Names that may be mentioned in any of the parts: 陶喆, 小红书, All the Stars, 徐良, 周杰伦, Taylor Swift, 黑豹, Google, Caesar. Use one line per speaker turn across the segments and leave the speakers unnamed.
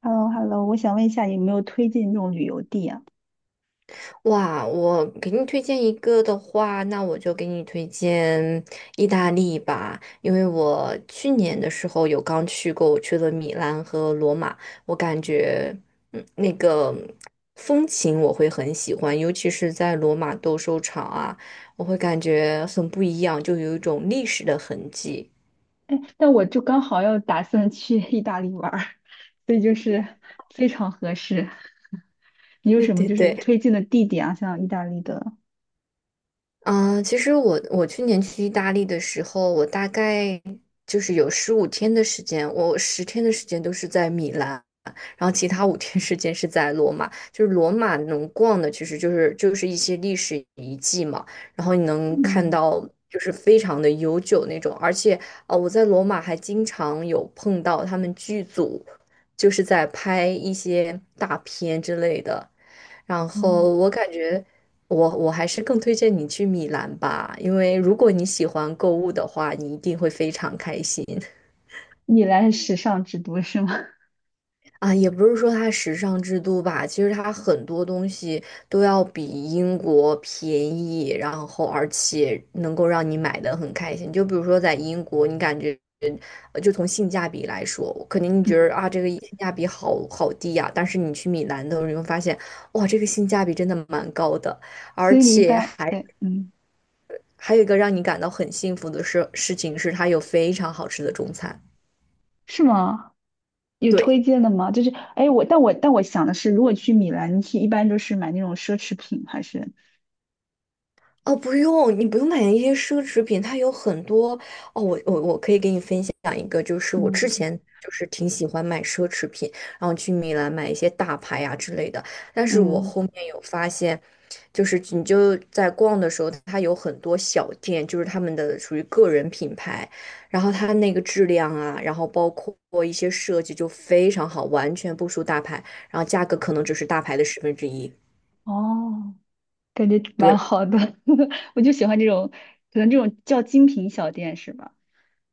h e l l o h e l l o 我想问一下，有没有推荐这种旅游地啊？
哇，我给你推荐一个的话，那我就给你推荐意大利吧。因为我去年的时候有刚去过，我去了米兰和罗马，我感觉，嗯，那个风情我会很喜欢，尤其是在罗马斗兽场啊，我会感觉很不一样，就有一种历史的痕迹。
但我就刚好要打算去 意大利玩儿，所以就是非常合适。你有
对
什么
对
就是
对，
推荐的地点啊？像意大利的。
嗯，其实我去年去意大利的时候，我大概就是有15天的时间，我10天的时间都是在米兰，然后其他五天时间是在罗马。就是罗马能逛的，其实就是一些历史遗迹嘛，然后你能看
嗯
到就是非常的悠久那种，而且我在罗马还经常有碰到他们剧组，就是在拍一些大片之类的。然
嗯。
后我感觉我还是更推荐你去米兰吧，因为如果你喜欢购物的话，你一定会非常开心。
米兰是时尚之都是吗？
啊！也不是说它时尚之都吧，其实它很多东西都要比英国便宜，然后而且能够让你买的很开心。就比如说在英国，你感觉就从性价比来说，肯定你觉
嗯。
得啊这个性价比好好低呀、但是你去米兰的时候，你会发现哇，这个性价比真的蛮高的。
所
而
以你一
且
般
还
对，嗯。
还有一个让你感到很幸福的事情是，它有非常好吃的中餐。
是吗？有
对，
推荐的吗？就是，哎，我但我但我想的是，如果去米兰，去一般都是买那种奢侈品，还是。
哦，不用，你不用买那些奢侈品，它有很多哦。我可以给你分享一个，就是我之
嗯
前就是挺喜欢买奢侈品，然后去米兰买一些大牌呀、之类的。但是我
嗯。
后面有发现，就是你就在逛的时候，它有很多小店，就是他们的属于个人品牌，然后它那个质量啊，然后包括一些设计就非常好，完全不输大牌，然后价格可能只是大牌的1/10。
哦，感觉蛮
对。
好的。我就喜欢这种，可能这种叫精品小店是吧？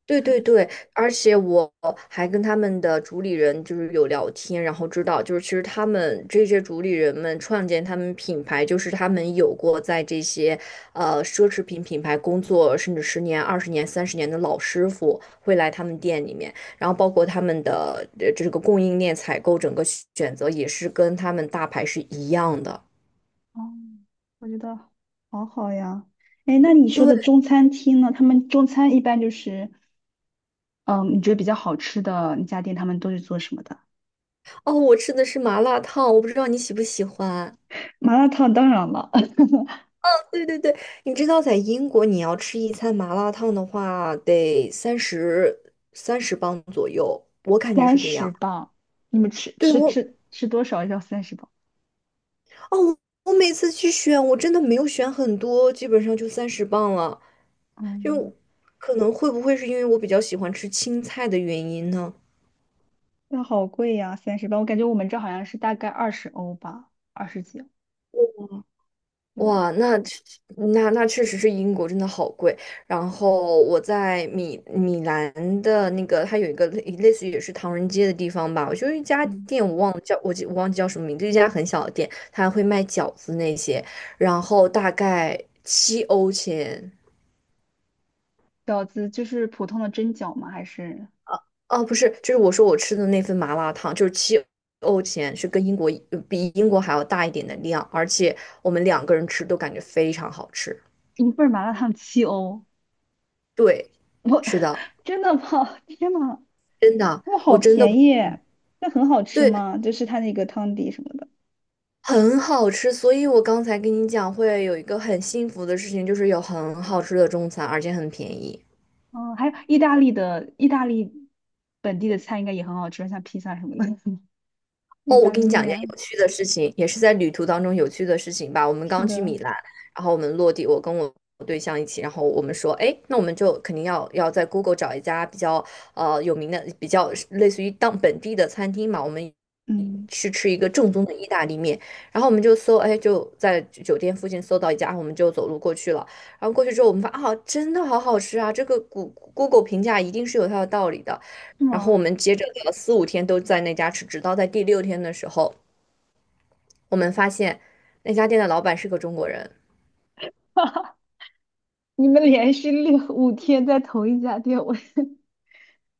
对对
对。
对，而且我还跟他们的主理人就是有聊天，然后知道就是其实他们这些主理人们创建他们品牌，就是他们有过在这些奢侈品品牌工作，甚至十年、20年、30年的老师傅会来他们店里面，然后包括他们的这个供应链采购整个选择也是跟他们大牌是一样的。
哦，我觉得好好呀。哎，那你说
对，
的中餐厅呢？他们中餐一般就是，嗯，你觉得比较好吃的那家店，他们都是做什么的？
哦，我吃的是麻辣烫，我不知道你喜不喜欢。
麻辣烫当然了，
对对对，你知道在英国，你要吃一餐麻辣烫的话，得三十磅左右，我感觉
三
是这
十
样。
磅，你们吃
对
吃
我，
吃吃多少要三十磅？
哦，我每次去选，我真的没有选很多，基本上就三十磅了。
嗯，
就可能会不会是因为我比较喜欢吃青菜的原因呢？
那好贵呀，三十磅，我感觉我们这好像是大概20欧吧，二十几。对。
哇，那那确实是英国真的好贵。然后我在米兰的那个，它有一个类似于也是唐人街的地方吧，我就一家
嗯，
店，我忘记叫什么名字，一家很小的店，它会卖饺子那些，然后大概七欧钱。
饺子就是普通的蒸饺吗？还是
哦，不是，就是我说我吃的那份麻辣烫，就是七欧钱，是跟英国比英国还要大一点的量，而且我们2个人吃都感觉非常好吃。
一份儿麻辣烫7欧？
对，
我
是的，
真的吗？天呐，
真的。
他们
我
好
真的
便宜，那很好吃
对，
吗？就是它那个汤底什么的。
很好吃，所以我刚才跟你讲，会有一个很幸福的事情，就是有很好吃的中餐，而且很便宜。
嗯，还有意大利本地的菜应该也很好吃，像披萨什么的。意
哦，我
大
跟
利
你讲一
面
件
啊，
有趣的事情，也是在旅途当中有趣的事情吧。我们
是
刚去
的。
米兰，然后我们落地，我跟我对象一起，然后我们说，哎，那我们就肯定要在 Google 找一家比较有名的、比较类似于当本地的餐厅嘛，我们
嗯。
去吃一个正宗的意大利面。然后我们就搜，哎，就在酒店附近搜到一家，我们就走路过去了。然后过去之后，我们发啊，真的好好吃啊！这个Google 评价一定是有它的道理的。
是
然后我
吗？
们接着聊了4、5天都在那家吃，直到在第6天的时候，我们发现那家店的老板是个中国人，
哈，你们连续六五天在同一家店，我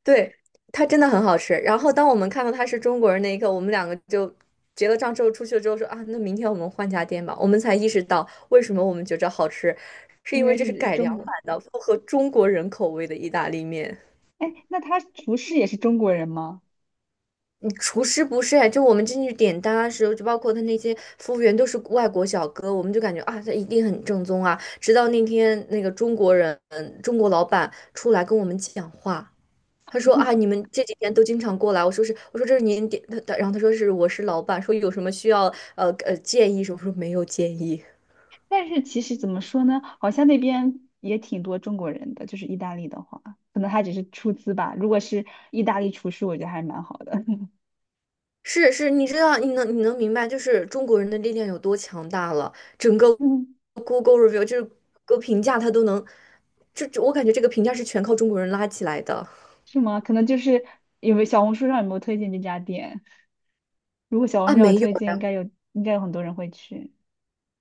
对，他真的很好吃。然后当我们看到他是中国人那一刻，我们两个就结了账之后出去了之后说啊，那明天我们换家店吧。我们才意识到为什么我们觉着好吃，是
因
因为
为
这是
是
改良
中
版
国。
的，符合中国人口味的意大利面。
哎，那他厨师也是中国人吗？
厨师不是，就我们进去点单的时候，就包括他那些服务员都是外国小哥，我们就感觉啊，他一定很正宗啊。直到那天那个中国人，中国老板出来跟我们讲话，他说啊，你们这几天都经常过来。我说是，我说这是您点，他然后他说是我是老板，说有什么需要建议什么，我说没有建议。
但是其实怎么说呢，好像那边也挺多中国人的，就是意大利的话，可能他只是出资吧。如果是意大利厨师，我觉得还蛮好的。
是是，你知道，你能明白，就是中国人的力量有多强大了。整个
嗯。
Google review 就是个评价，它都能，我感觉这个评价是全靠中国人拉起来的。
是吗？可能就是有没有小红书上有没有推荐这家店？如果小红
啊，
书上有
没有
推荐，应
呀，
该有，应该有很多人会去。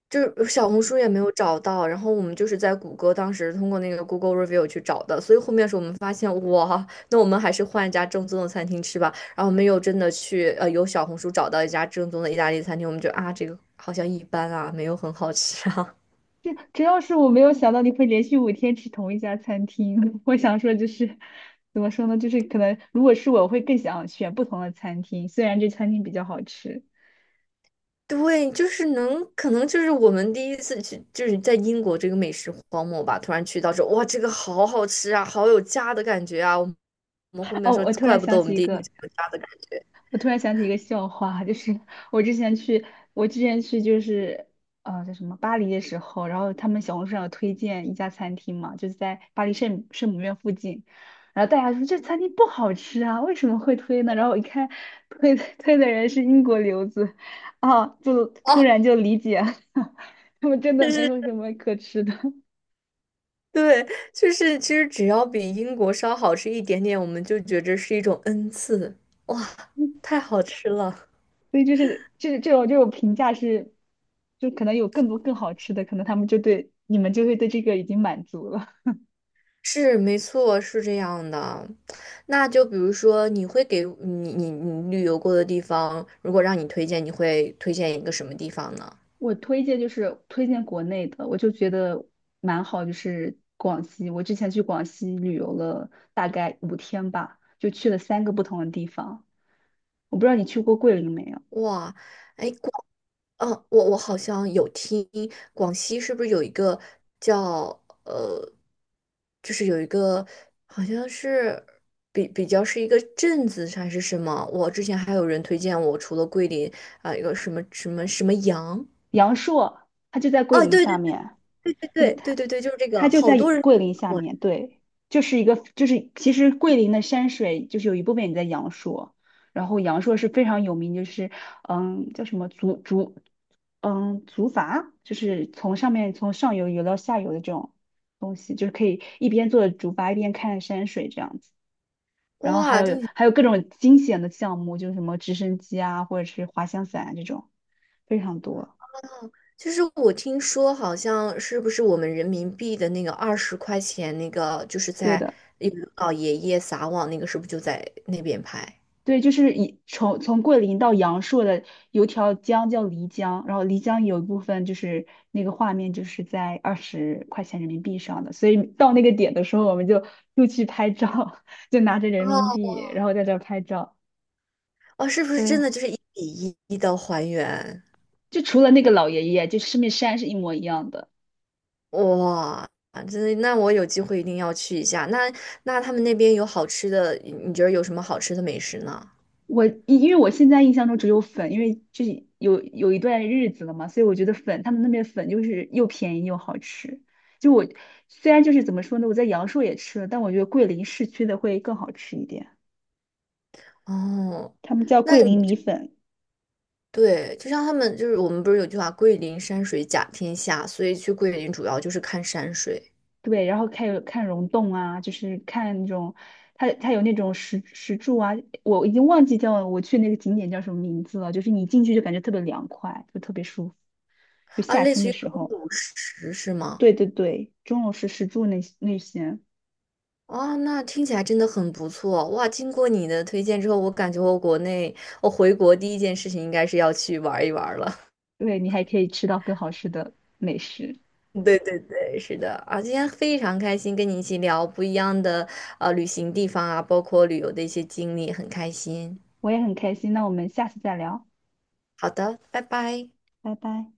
就是小红书也没有找到，然后我们就是在谷歌当时通过那个 Google review 去找的，所以后面是我们发现，哇，那我们还是换一家正宗的餐厅吃吧。然后我们又真的去，由小红书找到一家正宗的意大利餐厅，我们觉得啊，这个好像一般啊，没有很好吃啊。
这主要是我没有想到你会连续五天吃同一家餐厅。我想说就是，怎么说呢？就是可能如果是我会更想选不同的餐厅，虽然这餐厅比较好吃。
对，就是能，可能就是我们第1次去，就是在英国这个美食荒漠吧，突然去到这，哇，这个好好吃啊，好有家的感觉啊！我们后
哦，
面说，怪不得我们第1天是有家的感觉
我突然想起一个笑话，就是 我之前去，我之前去就是叫什么巴黎的时候，然后他们小红书上有推荐一家餐厅嘛，就是在巴黎圣母院附近，然后大家说这餐厅不好吃啊，为什么会推呢？然后我一看推的人是英国留子。啊，就突
啊。
然就理解了。他们真的
就
没
是
有什么可吃的，
对，就是其实只要比英国稍好吃一点点，我们就觉着是一种恩赐，哇，太好吃了。
所以就是这种评价是，就可能有更多更好吃的，可能他们就对你们就会对这个已经满足了。
是，没错，是这样的。那就比如说，你会给你旅游过的地方，如果让你推荐，你会推荐一个什么地方呢？
我推荐就是推荐国内的，我就觉得蛮好，就是广西。我之前去广西旅游了大概五天吧，就去了三个不同的地方。我不知道你去过桂林没有？
哇，哎，哦，我我好像有听广西是不是有一个叫就是有一个好像是比较是一个镇子还是什么？我之前还有人推荐我，除了桂林啊，有一个什么什么什么阳。
阳朔，它就在桂
哦，
林
对对
下
对
面。
对
它就
对
它
对对，就是这个，
它就
好
在
多人。
桂林下
我。
面，对，就是一个就是其实桂林的山水就是有一部分也在阳朔，然后阳朔是非常有名，就是叫什么竹筏，就是从上游游到下游的这种东西，就是可以一边坐着竹筏一边看山水这样子。然后还
哇，
有
听起来
还有各种惊险的项目，就是什么直升机啊，或者是滑翔伞啊这种，非常多。
哦，就是我听说好像是不是我们人民币的那个20块钱那个，就是
对
在
的。
一个老爷爷撒网那个，是不是就在那边拍？
对，就是从桂林到阳朔的有条江叫漓江，然后漓江有一部分就是那个画面就是在20块钱人民币上的，所以到那个点的时候，我们就又去拍照，就拿着人民
哦
币，然后在这儿拍照。
哦，是不是
对，
真的就是1比1的还原？
就除了那个老爷爷，就上面山是一模一样的。
哇，真的，那我有机会一定要去一下。那那他们那边有好吃的，你觉得有什么好吃的美食呢？
因为我现在印象中只有粉，因为就是有一段日子了嘛，所以我觉得粉，他们那边粉就是又便宜又好吃。就我虽然就是怎么说呢，我在阳朔也吃了，但我觉得桂林市区的会更好吃一点，
哦，
他们叫
那
桂
你
林米粉。
对，就像他们就是我们不是有句话“桂林山水甲天下”，所以去桂林主要就是看山水。
对，然后看溶洞啊，就是看那种，它有那种石柱啊，我已经忘记叫我去那个景点叫什么名字了，就是你进去就感觉特别凉快，就特别舒服，就
啊，
夏
类
天
似
的
于中
时候。
主食是吗？
对对对，钟楼石柱那些。
哦，那听起来真的很不错哇！经过你的推荐之后，我感觉我国内回国第1件事情应该是要去玩一玩了。
对，你还可以吃到更好吃的美食。
对对对，是的啊，今天非常开心跟你一起聊不一样的旅行地方啊，包括旅游的一些经历，很开心。
我也很开心，那我们下次再聊，
好的，拜拜。
拜拜。